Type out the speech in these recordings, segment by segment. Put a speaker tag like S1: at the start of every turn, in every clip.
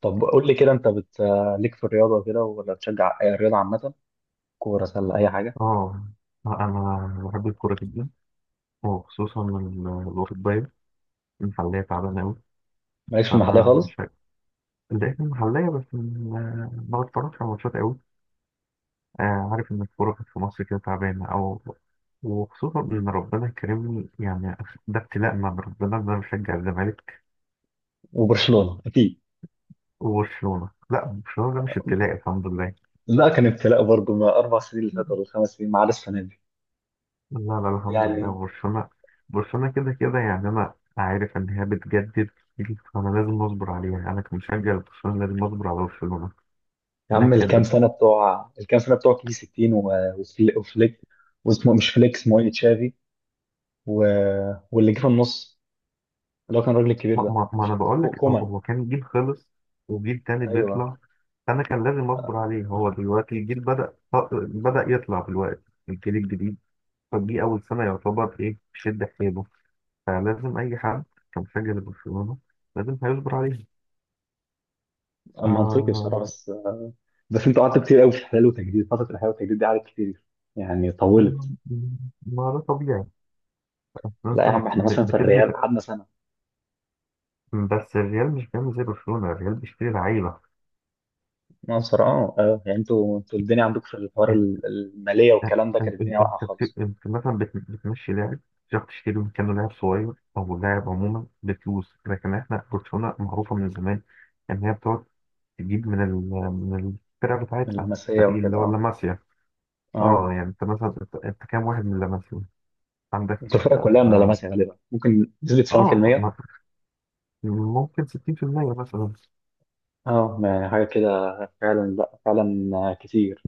S1: طب قول لي كده. ليك في الرياضه كده، ولا بتشجع اي رياضه عامه؟ كوره، سله، اي حاجه.
S2: اه، انا بحب الكوره جدا، وخصوصا الأوروبية. المحلية تعبانة أوي.
S1: مالكش في المحليه
S2: فأنا مش
S1: خالص،
S2: فاكر. لقيت المحلية بس، ما بتفرجش على ماتشات أوي. عارف إن الكورة كانت في مصر كده تعبانة أو. وخصوصا إن ربنا كرمني، يعني ده ابتلاء من ربنا إن أنا بشجع الزمالك
S1: وبرشلونه اكيد.
S2: وبرشلونة. لا، برشلونة ده مش ابتلاء، الحمد لله.
S1: لا، كان ابتلاء برضه، ما اربع سنين اللي فاتوا ولا خمس سنين، ما عدا السنه دي
S2: لا، لا، الحمد لله،
S1: يعني.
S2: برشلونة. برشلونة كده كده، يعني أنا عارف إن هي بتجدد كتير، فأنا لازم أصبر عليها. يعني أنا كمشجع لبرشلونة لازم أصبر على برشلونة
S1: يا
S2: إنها
S1: عم الكام
S2: تجدد.
S1: سنه بتوع الكام سنه بتوع كي 60 وفليك، واسمه مش فليك، اسمه ايه، تشافي، و... واللي جه في النص اللي هو كان الراجل الكبير
S2: ما,
S1: ده.
S2: ما, ما أنا بقول لك، هو
S1: كومان.
S2: هو كان جيل خلص، وجيل تاني
S1: ايوه.
S2: بيطلع. أنا كان لازم أصبر عليه. هو دلوقتي الجيل بدأ، بدأ يطلع دلوقتي، الجيل الجديد. فدي أول سنة يعتبر إيه شد حيله. فلازم أي حد كمشجع لبرشلونة لازم هيصبر عليها.
S1: منطقي
S2: آه،
S1: بصراحه، بس انتوا قعدتوا كتير قوي في الحلال والتجديد. فتره الحلال والتجديد دي قعدت كتير، يعني طولت.
S2: ما ده طبيعي.
S1: لا
S2: انت
S1: يا عم، احنا مثلا في
S2: بتبني
S1: الريال
S2: في...
S1: قعدنا سنه.
S2: بس الريال مش بيعمل زي برشلونة، الريال بيشتري لعيبة.
S1: مصر، اه يعني انتوا الدنيا عندكم في الحوار
S2: انت
S1: الماليه والكلام ده، كانت
S2: انت
S1: الدنيا واقعه خالص.
S2: انت مثلا بتمشي لاعب، تروح تشتري مكانه لاعب صغير او لاعب عموما بفلوس. لكن احنا برشلونة معروفة من زمان ان هي بتقعد تجيب من ال... من الفرقة
S1: من
S2: بتاعتها،
S1: لمسيه
S2: الفريق اللي
S1: وكده،
S2: هو
S1: اه.
S2: لاماسيا. اه
S1: اه،
S2: يعني انت مثلا، انت كام واحد من لاماسيا عندك؟
S1: انتوا الفرق كلها من
S2: اه,
S1: لمسيه غالبا، ممكن نسبه
S2: آه
S1: 90%.
S2: ما- ممكن 60% مثلا،
S1: اه، يعني حاجه كده. فعلا، لا فعلا كتير.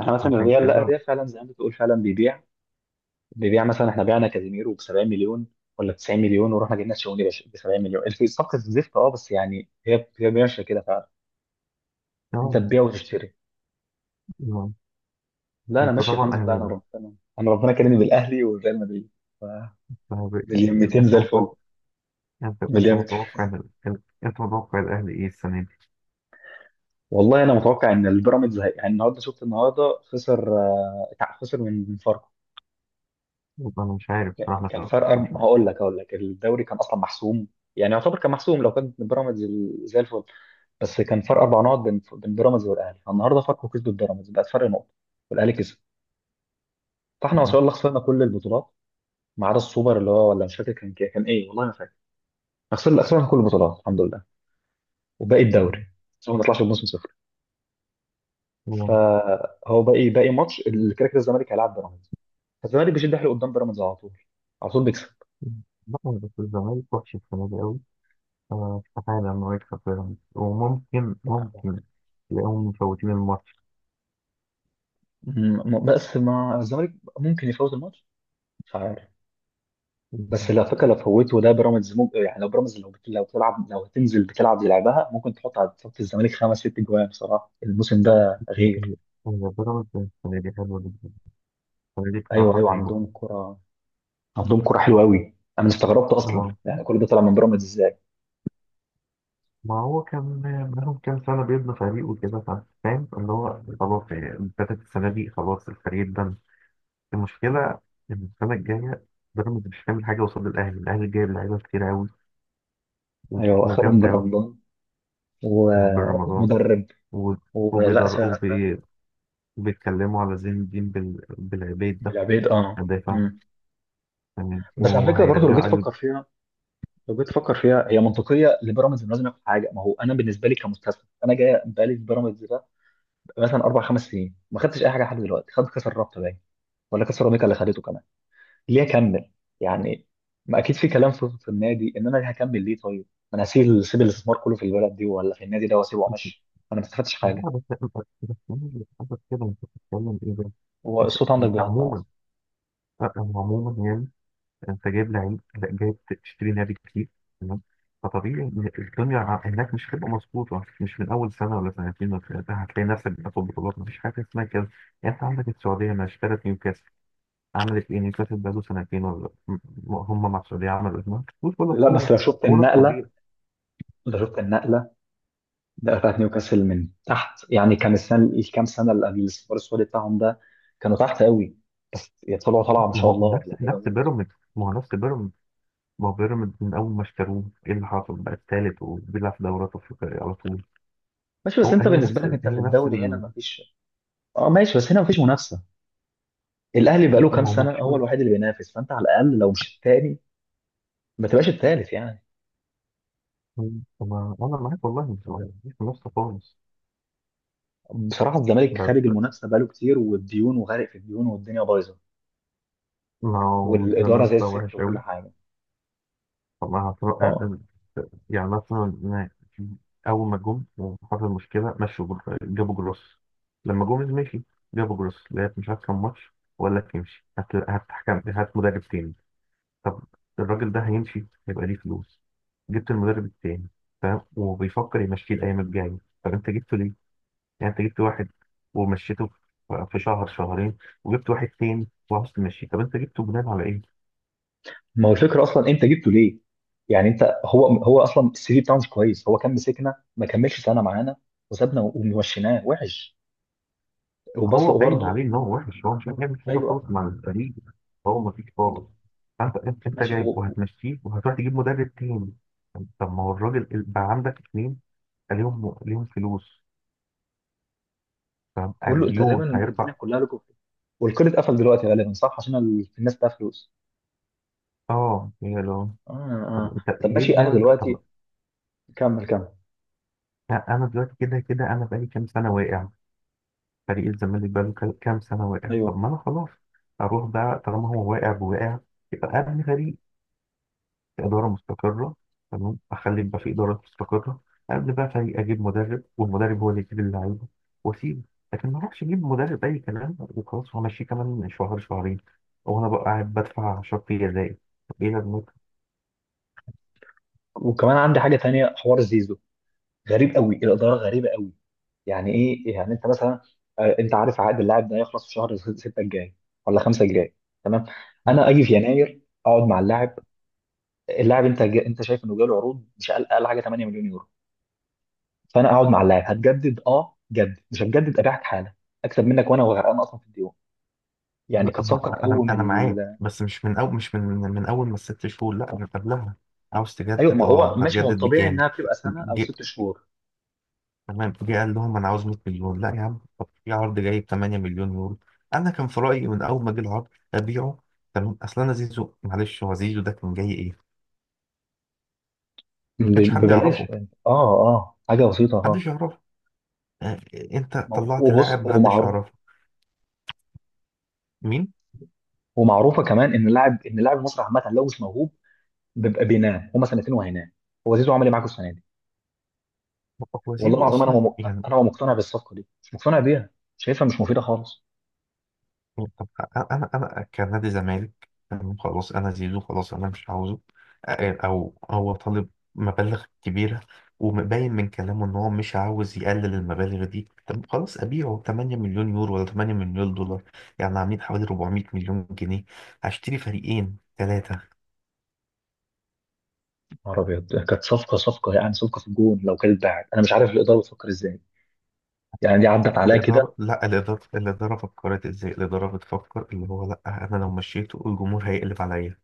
S1: احنا مثلا
S2: عشان
S1: الريال، لا
S2: كده.
S1: الريال فعلا زي ما بتقول، فعلا بيبيع مثلا، احنا بعنا كازيميرو ب 70 مليون ولا 90 مليون، ورحنا جبنا تشاوميني ب 70 مليون، الصفقه الزفت. اه، بس يعني هي ماشيه كده فعلا. انت
S2: اه
S1: تبيع وتشتري.
S2: آه.
S1: لا انا
S2: انت
S1: ماشي الحمد
S2: طبعا
S1: لله، انا
S2: اهلاوي.
S1: ربنا انا ربنا كرمني بالاهلي والريال مدريد. ف-
S2: ما هو
S1: مليون
S2: انت
S1: 200
S2: انت
S1: زي الفل.
S2: متوقع، انت
S1: مليون
S2: متوقع
S1: 200.
S2: انت متوقع الاهلي ايه السنه دي؟
S1: والله انا متوقع ان البيراميدز يعني النهارده شفت، النهارده خسر خسر من فاركو.
S2: والله انا مش عارف بصراحه، ما
S1: كان فرق
S2: تعرفش، مش عارف.
S1: هقول لك الدوري كان اصلا محسوم، يعني يعتبر كان محسوم لو كان بيراميدز زي الفل. بس كان فرق اربع نقط بين بيراميدز والاهلي، فالنهارده فاركو كسب البيراميدز، بقت فرق نقطه، والاهلي كسب. فاحنا ما
S2: مم.
S1: شاء الله خسرنا كل البطولات، ما عدا السوبر، اللي هو ولا، مش فاكر كان ايه، والله ما فاكر. خسرنا كل البطولات الحمد لله، وباقي الدوري عشان ما نطلعش بموسم صفر.
S2: مم.
S1: فهو باقي ماتش، اللي كده كده الزمالك هيلعب بيراميدز، فالزمالك بيشد حيله قدام بيراميدز. على طول على طول بيكسب.
S2: لا، بس الزمالك وحش السنه دي قوي، فاستحاله انه يكسب بيراميدز. وممكن، ممكن تلاقيهم مفوتين الماتش.
S1: بس مع الزمالك ممكن يفوز الماتش، مش عارف. بس
S2: مم.
S1: لو فكره، لو فوته ده بيراميدز، ممكن يعني، لو بيراميدز، لو بتلعب، لو هتنزل بتلعب زي لعبها، ممكن تحط على صف الزمالك خمس ست جوان بصراحه. الموسم ده غير.
S2: هي هي بيراميدز السنه دي حلوه جدا. السنه دي
S1: ايوه
S2: بصراحه
S1: ايوه،
S2: رهيبه.
S1: عندهم كره، عندهم كره حلوه قوي. انا استغربت اصلا،
S2: آه.
S1: يعني كل ده طلع من بيراميدز ازاي.
S2: ما هو كان بقالهم كام سنة بيبني فريق وكده، فاهم، اللي هو خلاص يعني ابتدت السنة دي خلاص الفريق ده. المشكلة إن السنة الجاية بيراميدز مش هتعمل حاجة قصاد الأهلي، الأهلي جايب لعيبة كتير أوي،
S1: ايوه اخرهم
S2: وجامدة أوي.
S1: بالرمضان،
S2: يعني بن رمضان،
S1: ومدرب
S2: و-
S1: ولا
S2: وبيدر
S1: سهل.
S2: وبي- وبيتكلموا على زين الدين بالعبيد ده،
S1: بالعبيد، اه.
S2: مدافع.
S1: مم.
S2: يعني
S1: بس على فكره برضو، لو جيت
S2: وهيرجعوا أيوب.
S1: تفكر فيها، هي منطقيه لبيراميدز، انه لازم ياخد حاجه. ما هو انا بالنسبه لي كمستثمر، انا جاي بقالي في بيراميدز ده مثلا اربع خمس سنين، ما خدتش اي حاجه لحد دلوقتي، خدت كاس الرابطه باين، ولا كاس الرابطه اللي خدته كمان. ليه اكمل يعني؟ ما اكيد في كلام في النادي، ان انا هكمل ليه طيب. ما انا هسيب، سيب الاستثمار كله في البلد دي ولا في النادي ده، واسيبه وامشي، انا ما استفدتش حاجه.
S2: لا بس، بس مين اللي حصل كده؟ أنت بتتكلم إيه ده؟
S1: هو
S2: أنت
S1: الصوت عندك
S2: أنت
S1: بيقطع
S2: عموما،
S1: أصلاً.
S2: لا، هو عموما. يعني انت جايب لعيب، لا، جايب، تشتري نادي كتير. تمام، فطبيعي ان الدنيا هناك مش هتبقى مظبوطه مش من اول سنه ولا سنتين ولا ثلاثه. هتلاقي نفسك بتاخد بطولات، مفيش حاجه اسمها كده. يعني انت عندك السعوديه ما اشترت نيوكاسل، عملت ايه نيوكاسل بقاله سنتين، ولا هم مع السعوديه عملوا ايه؟ ما كسبوش ولا
S1: لا بس
S2: بطوله.
S1: لو شفت
S2: هو ده
S1: النقله،
S2: الطبيعي.
S1: لو شفت النقله ده بتاعت نيوكاسل من تحت، يعني كان السنه، الكام سنه اللي قبل الاستثمار السعودي بتاعهم ده، كانوا تحت قوي، بس طلعوا طلعه ما
S2: ما
S1: شاء
S2: هو
S1: الله،
S2: نفس
S1: لعيبه
S2: نفس
S1: موت.
S2: بيراميدز، ما هو نفس بيراميدز. ما هو بيراميدز من اول ما اشتروه ايه اللي حصل؟ بقى الثالث، وبيلعب في دوريات افريقيه على طول.
S1: ماشي، بس
S2: هو
S1: انت
S2: هي
S1: بالنسبه
S2: نفس
S1: لك انت
S2: هي
S1: في
S2: نفس
S1: الدوري هنا
S2: ال-
S1: ما فيش. اه ماشي، بس هنا ما فيش منافسه. الاهلي بقاله كام
S2: ما هو
S1: سنه
S2: مفيش.
S1: هو الوحيد اللي بينافس، فانت على الاقل لو مش الثاني، ما تبقاش الثالث يعني.
S2: ما أنا معاك والله، مش في النص خالص.
S1: بصراحه الزمالك
S2: بس
S1: خارج المنافسه بقاله كتير، والديون، وغارق في الديون، والدنيا بايظه،
S2: ما هو
S1: والاداره
S2: الزمالك
S1: زي
S2: بقى
S1: الزفت
S2: وحش
S1: وكل
S2: أوي،
S1: حاجه.
S2: فما
S1: اه.
S2: يعني مثلا أنا، أول ما جم وحصل مشكلة مشوا، جابوا جروس. لما جوميز مشي جابوا جروس، لعب مش عارف كام ماتش، وقال لك يمشي. هات، هات حكم، هات مدرب تاني. طب الراجل ده هيمشي، هيبقى ليه فلوس. جبت المدرب التاني، فاهم، وبيفكر يمشيه الأيام الجاية. طب أنت جبته ليه؟ يعني انت جبت واحد، ومشيته في شهر شهرين، وجبت واحد تاني وعاوز تمشيه. طب انت جبته بناء على ايه؟
S1: ما هو الفكره اصلا انت جبته ليه؟ يعني انت، هو اصلا السي في بتاعه مش كويس، هو كان مسكنا ما كملش سنه معانا، وسابنا ومشيناه وحش. وبص
S2: هو باين عليه
S1: برضه.
S2: ان هو وحش، هو مش هيعمل حاجه
S1: ايوه.
S2: خالص مع الفريق. هو ما فيش خالص. فانت، انت
S1: ماشي
S2: جايب،
S1: هو-
S2: وهتمشيه وهتروح تجيب مدرب تاني. طب ما هو الراجل بقى عندك اتنين، عليهم، ليهم فلوس، فاهم، على
S1: كله انت تقريبا،
S2: ديون
S1: الدنيا
S2: هيرفع.
S1: كلها لكم، والكل اتقفل دلوقتي غالبا، صح، عشان الناس بتاع فلوس.
S2: اه، هي لو.
S1: اه
S2: طب
S1: اه.
S2: انت
S1: طب
S2: ليه
S1: ماشي انا
S2: بنعمل ده؟
S1: دلوقتي.
S2: طب،
S1: كمل كمل.
S2: لا، انا دلوقتي كده كده انا بقالي كام سنه واقع، فريق الزمالك بقى له كام سنة واقع. طب
S1: ايوه،
S2: ما أنا خلاص أروح بقى، طالما هو واقع بواقع يبقى أبني فريق في إدارة مستقرة. تمام، أخلي يبقى في إدارة مستقرة، أبني بقى فريق، أجيب مدرب، والمدرب هو اللي يجيب اللعيبة، وأسيبه. لكن ما أروحش أجيب مدرب أي كلام وخلاص، وأمشيه كمان شهر شهرين، وأنا بقى قاعد بدفع شرط جزائي. طب إيه لازمتها؟
S1: وكمان عندي حاجه تانية، حوار زيزو. غريب قوي، الاداره غريبه قوي. يعني ايه يعني، انت مثلا انت عارف عقد اللاعب ده هيخلص في شهر 6 الجاي ولا 5 الجاي، تمام. انا اجي في يناير، اقعد مع اللاعب. انت انت شايف انه جاله عروض، مش اقل، اقل حاجه 8 مليون يورو، فانا اقعد مع اللاعب، هتجدد اه جدد، مش هتجدد ابيعك حالا، اكسب منك، وانا وغرقان اصلا في الديون. يعني
S2: لا،
S1: كانت صفقه
S2: أنا
S1: تقوم
S2: أنا معاك، بس مش من أول، مش من أول ما الست شهور، لا، من قبلها. عاوز
S1: ايوه.
S2: تجدد،
S1: ما هو
S2: أه،
S1: ماشي، ما هو
S2: هتجدد
S1: الطبيعي
S2: بكام؟
S1: انها بتبقى سنه او ست شهور.
S2: تمام، جه قال لهم انا عاوز 100 مليون. لا يا عم، طب في عرض جاي ب 8 مليون يورو. انا كان في رايي من اول ما جه العرض ابيعه. تمام، اصل انا زيزو، معلش هو زيزو ده كان جاي ايه؟ ما كانش حد يعرفه،
S1: ببلاش يعني. اه اه، حاجه بسيطه، اه.
S2: محدش يعرفه. آه، انت
S1: ما هو-
S2: طلعت لاعب
S1: وبص،
S2: محدش
S1: ومعروف،
S2: يعرفه. مين؟
S1: ومعروفه كمان، ان اللاعب، المصري عامه لو مش موهوب، بيبقى بينام هما سنتين، وهينام. هو زيزو عمل ايه معاكوا السنه دي؟
S2: هو
S1: والله
S2: زيزو
S1: العظيم انا
S2: اصلا. يعني
S1: انا مقتنع بالصفقه دي، مش مقتنع بيها، شايفها مش مفيده خالص.
S2: طب انا انا أنا كنادي زمالك، تمام، خلاص انا زيزو، خلاص انا مش عاوزه، او هو طالب مبالغ كبيره ومبين من كلامه ان هو مش عاوز يقلل المبالغ دي. طب خلاص ابيعه 8 مليون يورو ولا 8 مليون دولار، يعني عاملين حوالي 400 مليون جنيه، هشتري فريقين ثلاثه.
S1: يا نهار ابيض، كانت صفقه، يعني صفقه في الجون لو كانت اتباعت. انا مش عارف الاداره بتفكر ازاي، يعني دي عدت عليا كده.
S2: الاداره، لا، الاداره فكرت ازاي. الاداره بتفكر اللي هو، لا، انا لو مشيته الجمهور هيقلب عليا.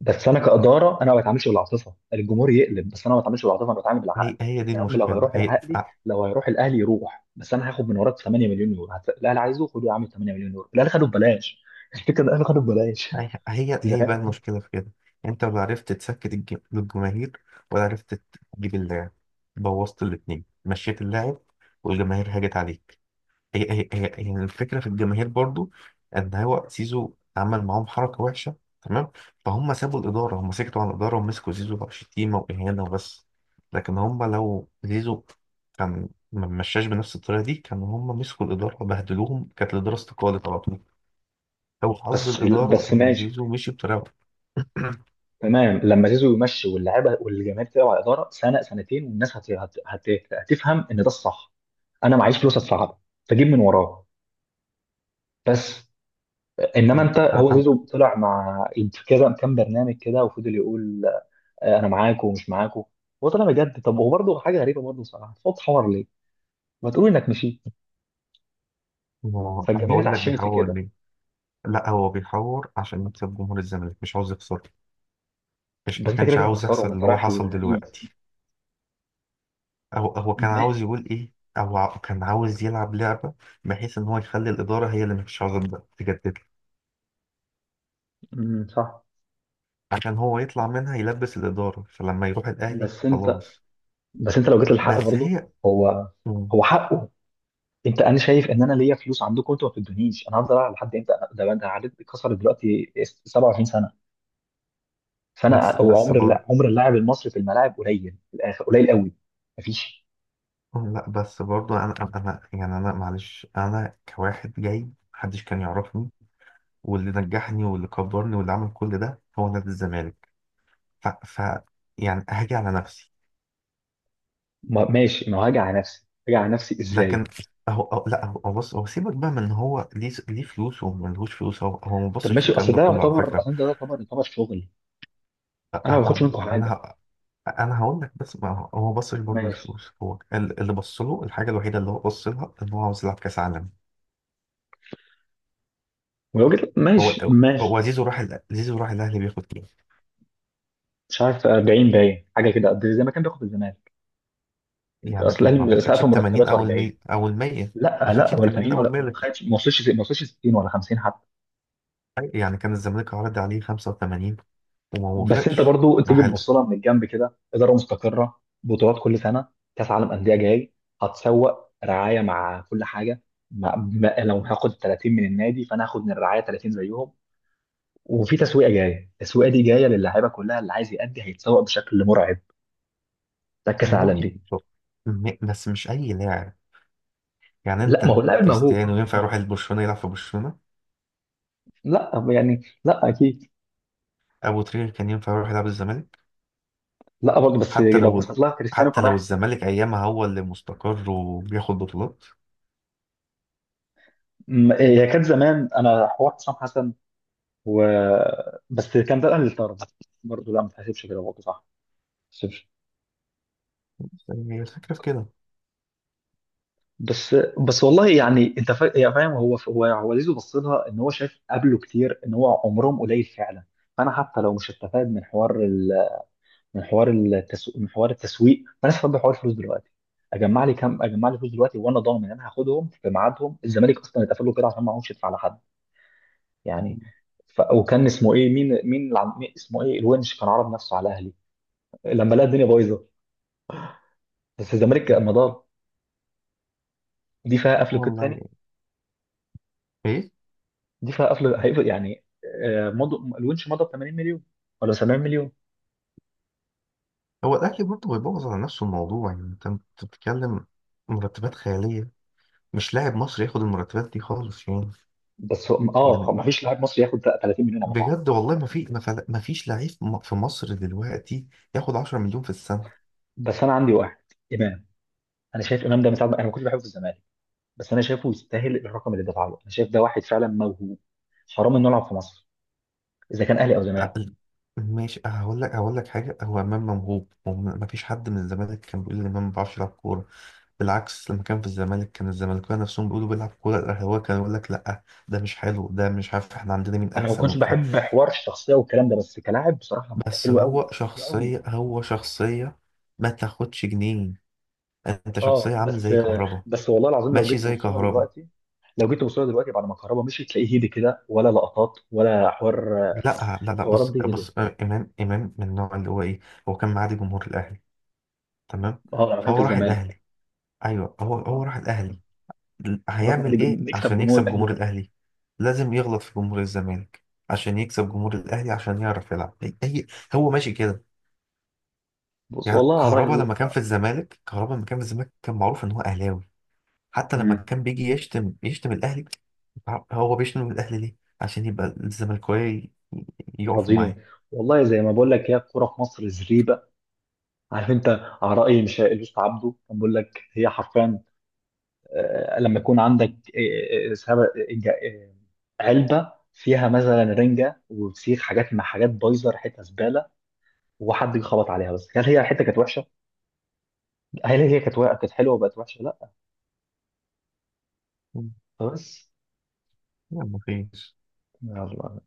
S1: بس انا كاداره انا ما بتعاملش بالعاطفه، الجمهور يقلب، بس انا ما بتعاملش بالعاطفه، انا بتعامل بالعقل.
S2: هي دي
S1: يا عم لو
S2: المشكله،
S1: هيروح
S2: هي
S1: العقلي، لو هيروح الاهلي يروح، بس انا هاخد من وراك 8 مليون يورو. الاهلي عايزه، خده يا عم، 8 مليون يورو. الاهلي خده ببلاش الفكره ده، الاهلي خده ببلاش.
S2: هي هي
S1: إذا
S2: هي بقى
S1: كان-
S2: المشكلة في كده. انت ولا عرفت تسكت الجماهير، ولا عرفت تجيب اللاعب، بوظت الاتنين، مشيت اللاعب والجماهير هاجت عليك. هي الفكرة في الجماهير برضو، ان هو زيزو عمل معاهم حركة وحشة. تمام، فهم سابوا الإدارة، هم سكتوا عن الإدارة ومسكوا زيزو بقى شتيمة وإهانة وبس. لكن هم لو زيزو كان ما مشاش بنفس الطريقة دي، كانوا هم مسكوا الإدارة وبهدلوهم، كانت الإدارة استقالت على طول. او حظ
S1: بس
S2: الاداره
S1: بس
S2: ان
S1: ماشي،
S2: زيزو مشي بطريقه.
S1: تمام. لما زيزو يمشي، واللعيبه والجماهير تلعب على الاداره سنه سنتين، والناس هتفهم ان ده الصح، انا معيش فلوس ادفعها، فجيب من وراه. بس انما انت،
S2: انا
S1: هو
S2: أنا-
S1: زيزو طلع مع كذا كام برنامج كده، وفضل يقول انا معاكم ومش معاكم. هو طلع بجد. طب هو برضه حاجه غريبه برضه صراحه، صوت حوار ليه؟ ما تقول انك مشيت،
S2: أنا
S1: فالجماهير
S2: هقول لك
S1: اتعشمت في
S2: بيحور
S1: كده،
S2: ليه. لا، هو بيحور عشان يكسب جمهور الزمالك، مش عاوز يخسر، مش
S1: بس
S2: ما
S1: انت كده
S2: كانش
S1: كده
S2: عاوز يحصل
S1: هتخسرهم، انت
S2: اللي هو
S1: رايح
S2: حصل
S1: للغريب.
S2: دلوقتي. هو كان
S1: ما-
S2: عاوز يقول ايه، او كان عاوز يلعب لعبه، بحيث ان هو يخلي الاداره هي اللي مش عاوزه تجدد له،
S1: صح.
S2: عشان هو يطلع منها، يلبس الاداره، فلما يروح الاهلي
S1: بس انت
S2: خلاص.
S1: بس انت لو جيت للحق
S2: بس
S1: برضه،
S2: هي.
S1: هو
S2: مم.
S1: هو حقه. انا شايف ان انا ليا فلوس عندكم، انتوا ما بتدونيش. انا هفضل العب لحد امتى؟ ده عدد كسر دلوقتي 27 سنه، فانا
S2: بس
S1: هو
S2: بس
S1: عمر
S2: برضه.
S1: عمر اللاعب المصري في الملاعب قليل، في الاخر قليل قوي مفيش.
S2: لا، بس برضو، يعني انا معلش، انا كواحد جاي محدش كان يعرفني، واللي نجحني واللي كبرني واللي عمل كل ده هو نادي الزمالك. ف، يعني هاجي على نفسي.
S1: ما ماشي، ما هاجي على نفسي،
S2: لكن،
S1: ازاي؟
S2: أهو، لا، هو بص، هو سيبك بقى من إن هو ليه، فلوس وملهوش فلوس. هو ما
S1: طب
S2: بصش
S1: ماشي،
S2: الكلام ده كله على فكره.
S1: اصل ده يعتبر، شغل، انا ما باخدش منكم
S2: انا انا
S1: حاجه.
S2: ه- أنا هقول لك. بس ما هو، ما بصش برضو
S1: ماشي.
S2: للفلوس، هو اللي بص له، الحاجه الوحيده اللي هو بص لها ان هو عاوز يلعب كاس عالم.
S1: ولو جيت
S2: هو
S1: ماشي،
S2: هو زيزو راح ال- زيزو راح الاهلي بياخد،
S1: مش عارف 40 باين حاجه كده قد زي ما كان بياخد الزمالك،
S2: يعني
S1: اصل
S2: ما
S1: الاهلي
S2: بياخدش
S1: سقف
S2: ال 80
S1: مرتباته
S2: او
S1: 40.
S2: او ال 100، ما
S1: لا
S2: خدش
S1: لا،
S2: ال
S1: ولا
S2: 80
S1: 80،
S2: او ال
S1: ولا
S2: 100
S1: ما
S2: اللي في
S1: خدش، ما وصلش 60 ولا 50.
S2: الحقيقة. يعني كان الزمالك عرض عليه 85 وما
S1: بس انت
S2: وافقش.
S1: برضو
S2: راح
S1: تيجي
S2: قال
S1: تبص لها من الجنب كده، اداره مستقره، بطولات كل سنه، كاس عالم انديه جاي، هتسوق رعايه مع كل حاجه. مع ما لو هاخد 30 من النادي، فانا هاخد من الرعايه 30 زيهم، وفي تسويقه جايه، التسويقه دي جايه للعيبه كلها اللي عايز يأدي، هيتسوق بشكل مرعب، ده كاس العالم
S2: ماشي.
S1: دي.
S2: شوف، بس مش اي لاعب، يعني
S1: لا ما
S2: انت،
S1: هو اللاعب موهوب،
S2: كريستيانو
S1: اه
S2: ينفع
S1: اه.
S2: يروح لبرشلونة يلعب في برشلونة؟
S1: لا يعني، لا اكيد.
S2: ابو تريكة كان ينفع يروح يلعب الزمالك؟
S1: لا برضه، بس
S2: حتى
S1: لو
S2: لو،
S1: بصيت لها، كريستيانو كان رايح السيتي.
S2: الزمالك ايامها هو اللي مستقر وبياخد بطولات.
S1: هي كانت زمان انا حوار حسام حسن، و، بس كان ده الاهلي اللي طرد برضه، لا ما تحسبش كده، برضه صح، ما تحسبش.
S2: بس هي الفكرة في كده.
S1: بس والله يعني، انت يا فاهم، هو زيزو بص لها ان هو شايف قبله كتير ان هو عمرهم قليل فعلا، فانا حتى لو مش هستفاد من حوار من حوار التسويق، فانا استفاد بحوار الفلوس دلوقتي. اجمع لي كام، اجمع لي فلوس دلوقتي، وانا ضامن ان انا هاخدهم في ميعادهم. الزمالك اصلا اتقفل له كده عشان ما عرفش يدفع لحد يعني. وكان اسمه ايه، مين اسمه ايه، الونش كان عرض نفسه على الاهلي لما لقى الدنيا بايظه، بس الزمالك مضى. دي فيها قفل قيد
S2: والله
S1: تاني،
S2: ايه.
S1: دي فيها قفل هيقفل يعني. مضوا الونش، مضى ب 80 مليون ولا 70 مليون.
S2: هو الاهلي برضه بيبوظ على نفسه الموضوع، يعني انت بتتكلم مرتبات خيالية، مش لاعب مصري ياخد المرتبات دي خالص، يعني.
S1: اه
S2: يعني
S1: ما فيش لاعب مصري ياخد 30 مليون على بعض.
S2: بجد والله، ما في، ما فيش لعيب، في مصر دلوقتي ياخد 10 مليون في السنة،
S1: بس انا عندي واحد، امام. انا شايف امام ده من ساعه انا ما كنتش بحبه في الزمالك، بس انا شايفه يستاهل الرقم اللي دفع له. انا شايف ده واحد فعلا موهوب، حرام انه يلعب في مصر، اذا كان اهلي او زمالك.
S2: أقل. ماشي، هقول لك، حاجة، هو إمام موهوب، ما فيش حد من الزمالك كان بيقول إن إمام ما بيعرفش يلعب كورة. بالعكس، لما كان في الزمالك كان الزمالكاويه نفسهم بيقولوا بيلعب كورة، الأهلاوية كانوا يقول لك لأ، ده مش حلو، ده مش عارف، إحنا عندنا مين
S1: انا ما
S2: أحسن
S1: كنتش
S2: وبتاع.
S1: بحب حوار الشخصيه والكلام ده، بس كلاعب بصراحه
S2: بس
S1: حلو قوي،
S2: هو
S1: حلو قوي،
S2: شخصية، هو شخصية، ما تاخدش جنيه. أنت شخصية
S1: اه.
S2: عامل
S1: بس
S2: زي كهربا.
S1: بس والله العظيم لو
S2: ماشي،
S1: جيت
S2: زي
S1: تبص لها
S2: كهربا.
S1: دلوقتي، بعد ما الكهرباء مشيت، تلاقيه هيدي كده ولا لقطات ولا حوار،
S2: لا، لا، لا،
S1: حوارات
S2: بص،
S1: دي هيدي.
S2: بص، امام، امام من النوع اللي هو ايه، هو كان معادي جمهور الاهلي، تمام.
S1: اه لما كان في
S2: فهو راح
S1: الزمالك.
S2: الاهلي. ايوه، هو
S1: آه.
S2: راح الاهلي.
S1: خلاص عادي،
S2: هيعمل ايه
S1: نكسب
S2: عشان
S1: جمهور
S2: يكسب
S1: الاهلي
S2: جمهور
S1: بقى.
S2: الاهلي؟ لازم يغلط في جمهور الزمالك، عشان يكسب جمهور الاهلي، عشان يعرف يلعب. هو ماشي كده.
S1: بص
S2: يعني
S1: والله على الراي
S2: كهربا لما كان في
S1: آه.
S2: الزمالك، كان معروف ان هو اهلاوي. حتى لما
S1: مم.
S2: كان بيجي يشتم، الاهلي. هو بيشتم الاهلي ليه؟ عشان يبقى الزملكاويه يقفوا معاه.
S1: راضيين. والله زي ما بقول لك، هي الكوره في مصر زريبه. عارف انت، على راي مش الوسط عبده كان بيقول لك، هي حرفيا لما يكون عندك آه، علبه فيها مثلا رنجه وفسيخ، حاجات مع حاجات بايظه، ريحتها زباله، وحد يخبط عليها. بس هل هي الحته كانت وحشه؟ هل هي كانت كانت حلوه وبقت وحشه؟ لا. بس
S2: يلا، مفيش.
S1: يلا.